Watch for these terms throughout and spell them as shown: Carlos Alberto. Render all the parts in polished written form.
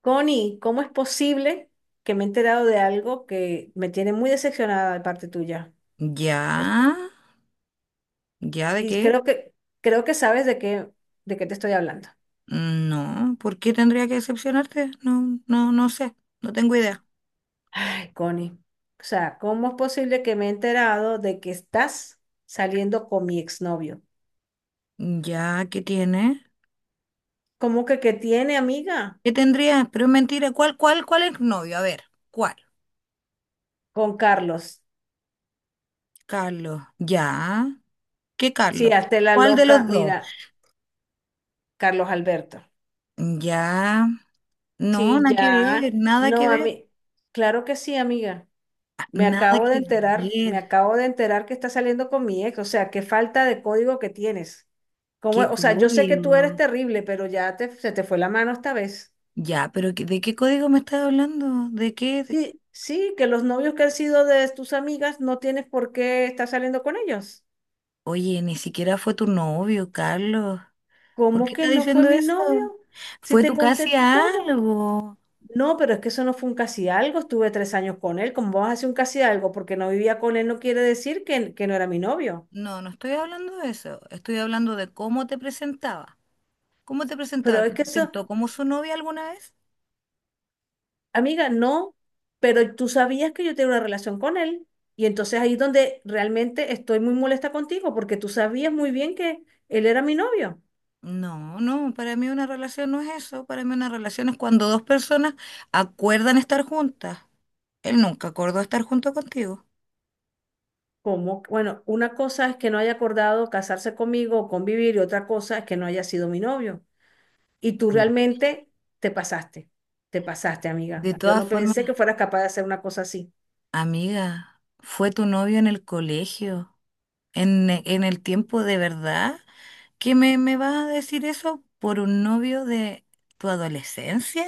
Connie, ¿cómo es posible que me he enterado de algo que me tiene muy decepcionada de parte tuya? Es- ¿Ya? ¿Ya de Y qué? creo que sabes de qué te estoy hablando. No, ¿por qué tendría que decepcionarte? No, no, no sé, no tengo idea. Ay, Connie. O sea, ¿cómo es posible que me he enterado de que estás saliendo con mi exnovio? ¿Ya qué tiene? ¿Cómo que tiene, amiga? ¿Qué tendría? Pero es mentira, cuál es novio? A ver, ¿cuál? Con Carlos. Carlos, ¿ya? ¿Qué Sí, Carlos? hazte la ¿Cuál de loca. los dos? Mira, Carlos Alberto. Ya, no, Sí, ya. No, a mí. Claro que sí, amiga. Me nada acabo de que enterar, me ver. acabo de enterar que estás saliendo con mi ex, o sea, qué falta de código que tienes. ¿Cómo ¿Qué es? O sea, yo sé que tú eres código? terrible, pero ya te, se te fue la mano esta vez. Ya, pero ¿de qué código me estás hablando? ¿De qué? Sí, sí, que los novios que han sido de tus amigas no tienes por qué estar saliendo con ellos. Oye, ni siquiera fue tu novio, Carlos. ¿Por qué ¿Cómo que estás no fue diciendo mi eso? novio? Si Fue te tu conté casi todo. algo. No, pero es que eso no fue un casi algo, estuve 3 años con él. ¿Cómo vas a hacer un casi algo? Porque no vivía con él no quiere decir que no era mi novio. No, no estoy hablando de eso. Estoy hablando de cómo te presentaba. ¿Cómo te presentaba? Pero es ¿Te que eso, presentó como su novia alguna vez? amiga, no, pero tú sabías que yo tenía una relación con él y entonces ahí es donde realmente estoy muy molesta contigo porque tú sabías muy bien que él era mi novio. No, no, para mí una relación no es eso. Para mí una relación es cuando dos personas acuerdan estar juntas. Él nunca acordó estar junto contigo. Como, bueno, una cosa es que no haya acordado casarse conmigo o convivir y otra cosa es que no haya sido mi novio. Y tú Mm. realmente te pasaste, te pasaste, amiga. De Yo todas no formas. pensé que fueras capaz de hacer una cosa así. Amiga, fue tu novio en el colegio, en el tiempo de verdad, me vas a decir eso por un novio de tu adolescencia?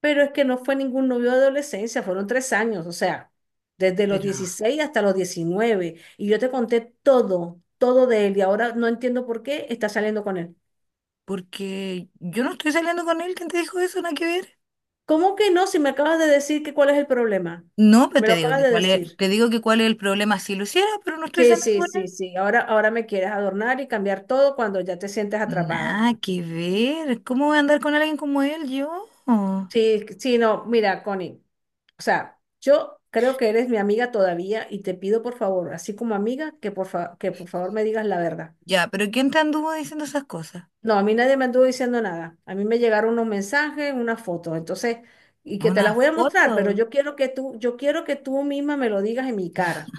Pero es que no fue ningún novio de adolescencia, fueron 3 años, o sea, desde los Pero, 16 hasta los 19. Y yo te conté todo, todo de él, y ahora no entiendo por qué está saliendo con él. porque yo no estoy saliendo con él, ¿quién te dijo eso? Nada que ver. ¿Cómo que no? Si me acabas de decir que cuál es el problema. No, pero Me lo acabas de decir. te digo que cuál es el problema si lo hiciera, pero no estoy Sí, saliendo sí, con sí, él. sí. Ahora me quieres adornar y cambiar todo cuando ya te sientes atrapada. Nada que ver. ¿Cómo voy a andar con alguien como él yo? Sí, sí, no, mira, Connie. O sea, yo creo que eres mi amiga todavía y te pido por favor, así como amiga, que por favor me digas la verdad. Ya, pero ¿quién te anduvo diciendo esas cosas? No, a mí nadie me anduvo diciendo nada. A mí me llegaron unos mensajes, unas fotos, entonces, y que te ¿Una las voy a mostrar, pero foto? yo quiero que tú, yo quiero que tú misma me lo digas en mi cara.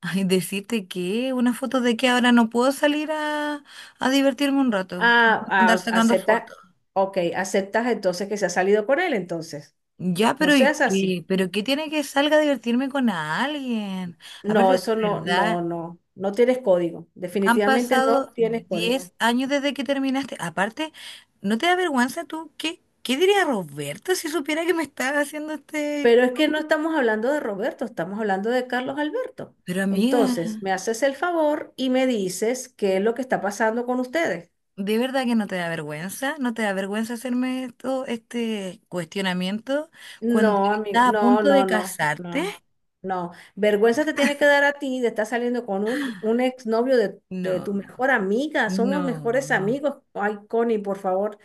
Ay, decirte que una foto de que ahora no puedo a divertirme un rato, que me van Ah, a andar ah, sacando aceptas, fotos. ok, aceptas entonces que se ha salido con él, entonces. Ya, No pero ¿y seas así. qué? ¿Pero qué tiene que salga a divertirme con alguien? No, Aparte, eso de no, verdad, no, no, no tienes código. han Definitivamente no pasado tienes 10 código. años desde que terminaste. Aparte, ¿no te da vergüenza tú? Qué diría Roberto si supiera que me estaba haciendo este Pero es que no show? estamos hablando de Roberto, estamos hablando de Carlos Alberto. Pero amiga... Entonces, me haces el favor y me dices qué es lo que está pasando con ustedes. ¿De verdad que no te da vergüenza? ¿No te da vergüenza hacerme esto, este cuestionamiento cuando No, amigo, estás a no, punto no, de no, casarte? no, no. Vergüenza te tiene que dar a ti de estar saliendo con un exnovio de tu No, mejor amiga. Somos mejores no, amigos. Ay, Connie, por favor,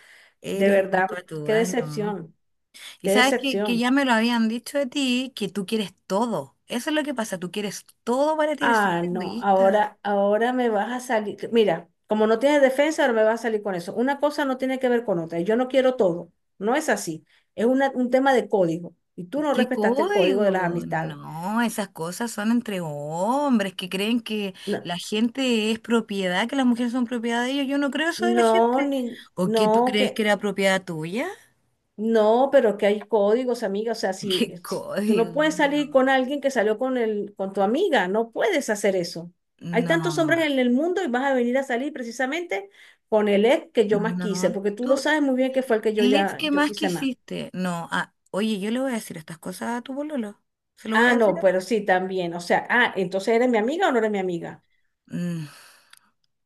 de eres muy verdad, qué patúa, no. decepción, Y qué sabes que decepción. ya me lo habían dicho de ti, que tú quieres todo. Eso es lo que pasa, tú quieres todo para ti, eres súper Ah, no, egoísta. ahora me vas a salir. Mira, como no tienes defensa, ahora me vas a salir con eso. Una cosa no tiene que ver con otra. Yo no quiero todo. No es así. Es un tema de código. Y tú no ¿Qué respetaste el código de las código? amistades. No, esas cosas son entre hombres que creen que No, la gente es propiedad, que las mujeres son propiedad de ellos. Yo no creo eso de la no, gente. ni, ¿O qué tú no, crees que que, era propiedad tuya? no, pero que hay códigos, amiga. O sea, si, ¿Qué si tú no código? puedes salir con alguien que salió con tu amiga, no puedes hacer eso. Hay tantos No, hombres en el mundo y vas a venir a salir precisamente con el ex que no, yo más quise, no. porque tú lo Tú, sabes muy bien que fue el que yo el ex ya, que yo más quise más. quisiste. No, ah, oye, yo le voy a decir estas cosas a tu pololo. Se lo voy Ah, a decir no, a tu pero sí, también. O sea, ah, entonces eres mi amiga o no eres mi amiga. Mm,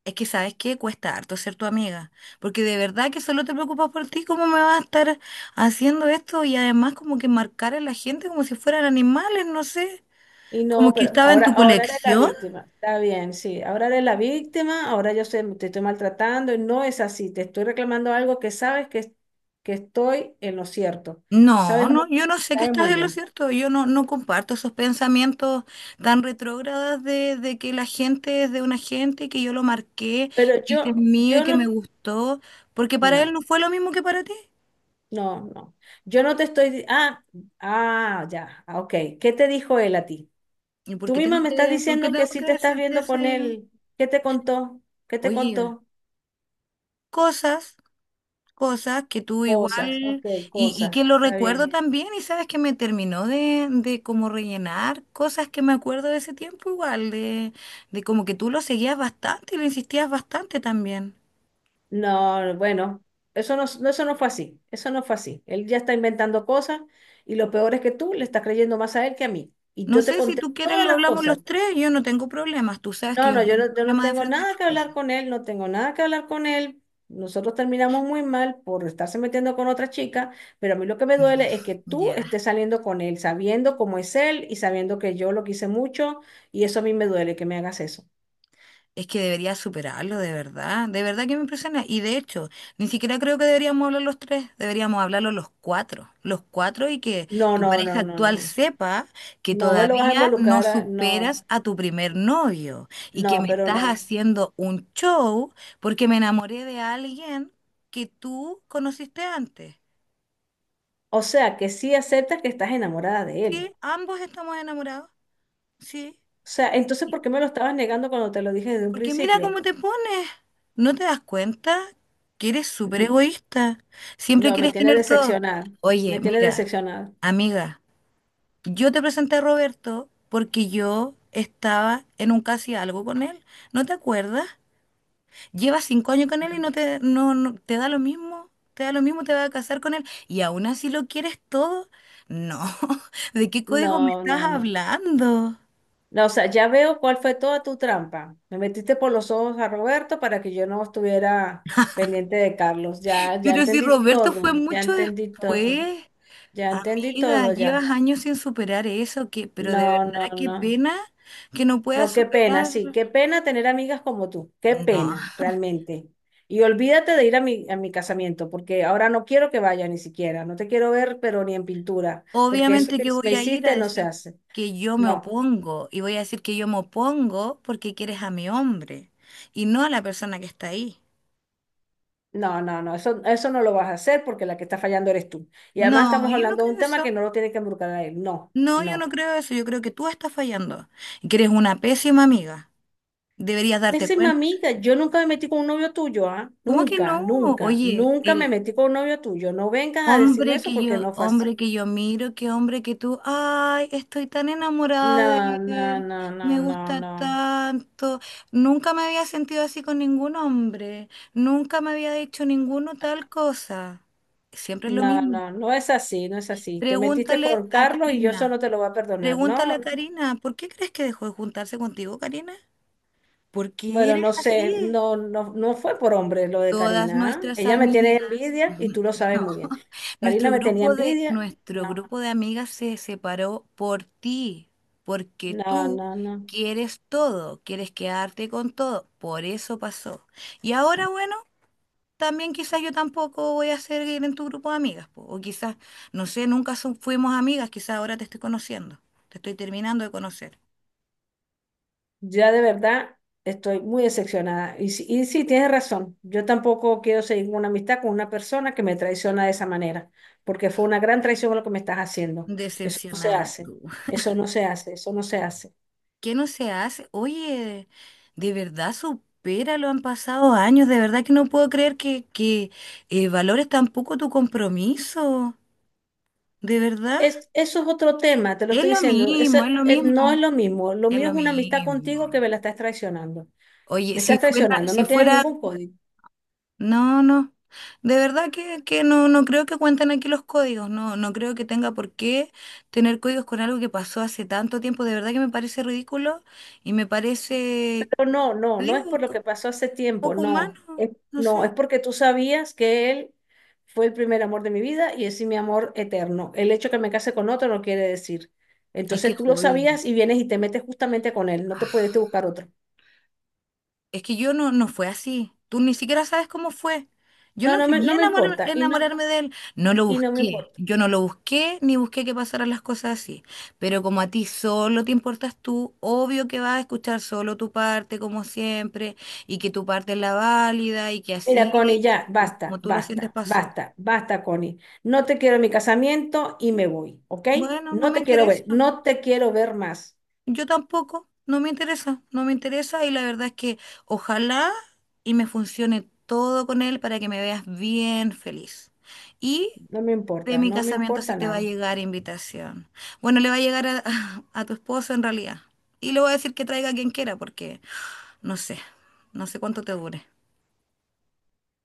es que sabes qué cuesta harto ser tu amiga, porque de verdad que solo te preocupas por ti, ¿cómo me vas a estar haciendo esto? Y además como que marcar a la gente como si fueran animales, no sé, Y como no, que pero estaba en ahora, tu ahora eres la colección. víctima. Está bien, sí. Ahora eres la víctima, ahora te estoy maltratando y no es así. Te estoy reclamando algo que sabes que estoy en lo cierto. No, Sabes muy, no, yo no sé que sabes estás muy en lo bien. cierto, yo no, no comparto esos pensamientos tan retrógradas de que la gente es de una gente y que yo lo marqué, Pero y que es yo, mío y yo que me no, gustó, porque para él no, no fue lo mismo que para ti. no, no. Yo no te estoy, ah, ah, ya, ah, ok. ¿Qué te dijo él a ti? Tú misma me estás Por qué diciendo tengo que sí que te estás decirte viendo eso con yo? él. ¿Qué te contó? ¿Qué te Oye, contó? cosas, cosas que tú Cosas, igual, ok, y que cosas. lo Está recuerdo bien. también, y sabes que me terminó de como rellenar cosas que me acuerdo de ese tiempo igual, de como que tú lo seguías bastante y lo insistías bastante también. No, bueno, eso no fue así, eso no fue así. Él ya está inventando cosas y lo peor es que tú le estás creyendo más a él que a mí. Y No yo te sé si conté tú quieres, todas lo las hablamos cosas. los tres, yo no tengo problemas, tú sabes que No, yo no, no yo tengo no, yo no problemas de tengo enfrentar nada las que hablar cosas. con él, no tengo nada que hablar con él. Nosotros terminamos muy mal por estarse metiendo con otra chica, pero a mí lo que me duele es que tú Ya. estés saliendo con él, sabiendo cómo es él y sabiendo que yo lo quise mucho y eso a mí me duele que me hagas eso. Es que debería superarlo, de verdad. De verdad que me impresiona. Y de hecho, ni siquiera creo que deberíamos hablar los tres. Deberíamos hablarlo los cuatro. Los cuatro y que No, tu no, pareja no, no, actual no. sepa que No me lo vas a todavía no involucrar, no, superas a tu primer novio y que no, me pero estás no. haciendo un show porque me enamoré de alguien que tú conociste antes. O sea, que sí aceptas que estás enamorada de ¿Sí? él. Ambos estamos enamorados. Sí. O sea, entonces, ¿por qué me lo estabas negando cuando te lo dije desde un Porque mira principio? cómo te pones. ¿No te das cuenta que eres súper Mm. egoísta? Siempre No, me quieres tiene tener todo. decepcionada. Me Oye, tiene mira, decepcionada. amiga, yo te presenté a Roberto porque yo estaba en un casi algo con él. ¿No te acuerdas? Llevas 5 años con él y no te, no, no- te da lo mismo. Te da lo mismo, te vas a casar con él y aún así lo quieres todo. No, ¿de qué código me No, estás no, no. hablando? No, o sea, ya veo cuál fue toda tu trampa. Me metiste por los ojos a Roberto para que yo no estuviera pendiente de Carlos. Ya, ya Pero si entendí Roberto fue todo. Ya mucho entendí todo. después. Ya entendí Amiga, todo llevas ya. años sin superar eso, que, pero de No, no, verdad qué no. pena que no puedas No, qué pena, superar. sí, qué pena tener amigas como tú, qué No, pena, realmente. Y olvídate de ir a mi casamiento, porque ahora no quiero que vaya ni siquiera, no te quiero ver, pero ni en pintura, porque eso obviamente que que me voy a ir a hiciste no se decir hace. que yo me No, opongo y voy a decir que yo me opongo porque quieres a mi hombre y no a la persona que está ahí. no, no, no, eso no lo vas a hacer porque la que está fallando eres tú. Y además No, estamos yo no hablando de creo un tema que eso. no lo tiene que embrucar a él, no, No, yo no no. creo eso. Yo creo que tú estás fallando y que eres una pésima amiga. Deberías darte Pésima cuenta. amiga, yo nunca me metí con un novio tuyo, ¿ah? ¿Cómo que Nunca, no? nunca, Oye, nunca me metí con un novio tuyo. No vengas a decirme hombre eso porque no fue así. hombre que yo miro, qué hombre que tú, ay, estoy tan enamorada No, de no, él, no, no, me no, gusta no, tanto. Nunca me había sentido así con ningún hombre, nunca me había dicho ninguno tal cosa. Siempre es lo no, mismo. no, no es así, no es así. Te metiste Pregúntale con a Carlos y yo eso no Karina, te lo voy a perdonar. pregúntale No, a no. Karina, ¿por qué crees que dejó de juntarse contigo, Karina? ¿Por qué Bueno, eres no sé, así? no, no, no fue por hombre lo de Todas Karina, ¿ah? nuestras Ella me tiene amigas, envidia y tú lo sabes no, muy bien. Karina nuestro me tenía envidia. nuestro No, grupo de amigas se separó por ti, porque no, tú no, no. quieres todo, quieres quedarte con todo, por eso pasó. Y ahora, bueno, también quizás yo tampoco voy a seguir en tu grupo de amigas, po, o quizás, no sé, nunca son- fuimos amigas, quizás ahora te estoy conociendo, te estoy terminando de conocer. Ya de verdad estoy muy decepcionada. Y sí, tienes razón. Yo tampoco quiero seguir una amistad con una persona que me traiciona de esa manera, porque fue una gran traición lo que me estás haciendo. Eso no se Decepcionada hace. tú. Eso no se hace. Eso no se hace. ¿Qué no se hace? Oye, de verdad supéralo, han pasado años, de verdad que no puedo creer que valores tampoco tu compromiso, de verdad. Es, eso es otro tema, te lo Es estoy lo diciendo. mismo, es Ese, lo no es mismo, lo mismo. Lo es mío lo es una amistad mismo. contigo que me la estás traicionando. Oye, Me estás traicionando. si No tienes fuera, ningún código. no, no, de verdad que no, no creo que cuenten aquí los códigos, no, no creo que tenga por qué tener códigos con algo que pasó hace tanto tiempo, de verdad que me parece ridículo y me parece, No, no, no, no es por digo, lo que pasó hace tiempo, poco no. humano, Es, no no, es sé. porque tú sabías que él fue el primer amor de mi vida y es mi amor eterno. El hecho que me case con otro no quiere decir. Es que Entonces tú lo Judy, sabías y vienes y te metes justamente con él, no te puedes ah, buscar otro. es que yo no, no fue así. Tú ni siquiera sabes cómo fue. Yo No, no no me, quería no me importa y no, enamorarme de él. No lo y no me busqué. importa. Yo no lo busqué ni busqué que pasaran las cosas así. Pero como a ti solo te importas tú, obvio que vas a escuchar solo tu parte, como siempre, y que tu parte es la válida y que Mira, así Connie, es, ya, basta, como tú lo sientes basta, pasó. basta, basta, Connie. No te quiero en mi casamiento y me voy, ¿ok? Bueno, no No me te quiero interesa. ver, no te quiero ver más. Yo tampoco, no me interesa y la verdad es que ojalá y me funcione todo con él para que me veas bien feliz. Y No me de importa, mi no me casamiento sí importa te va a nada. llegar invitación. Bueno, le va a llegar a, a tu esposo en realidad. Y le voy a decir que traiga a quien quiera porque no sé, no sé cuánto te dure.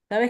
¿Sabes?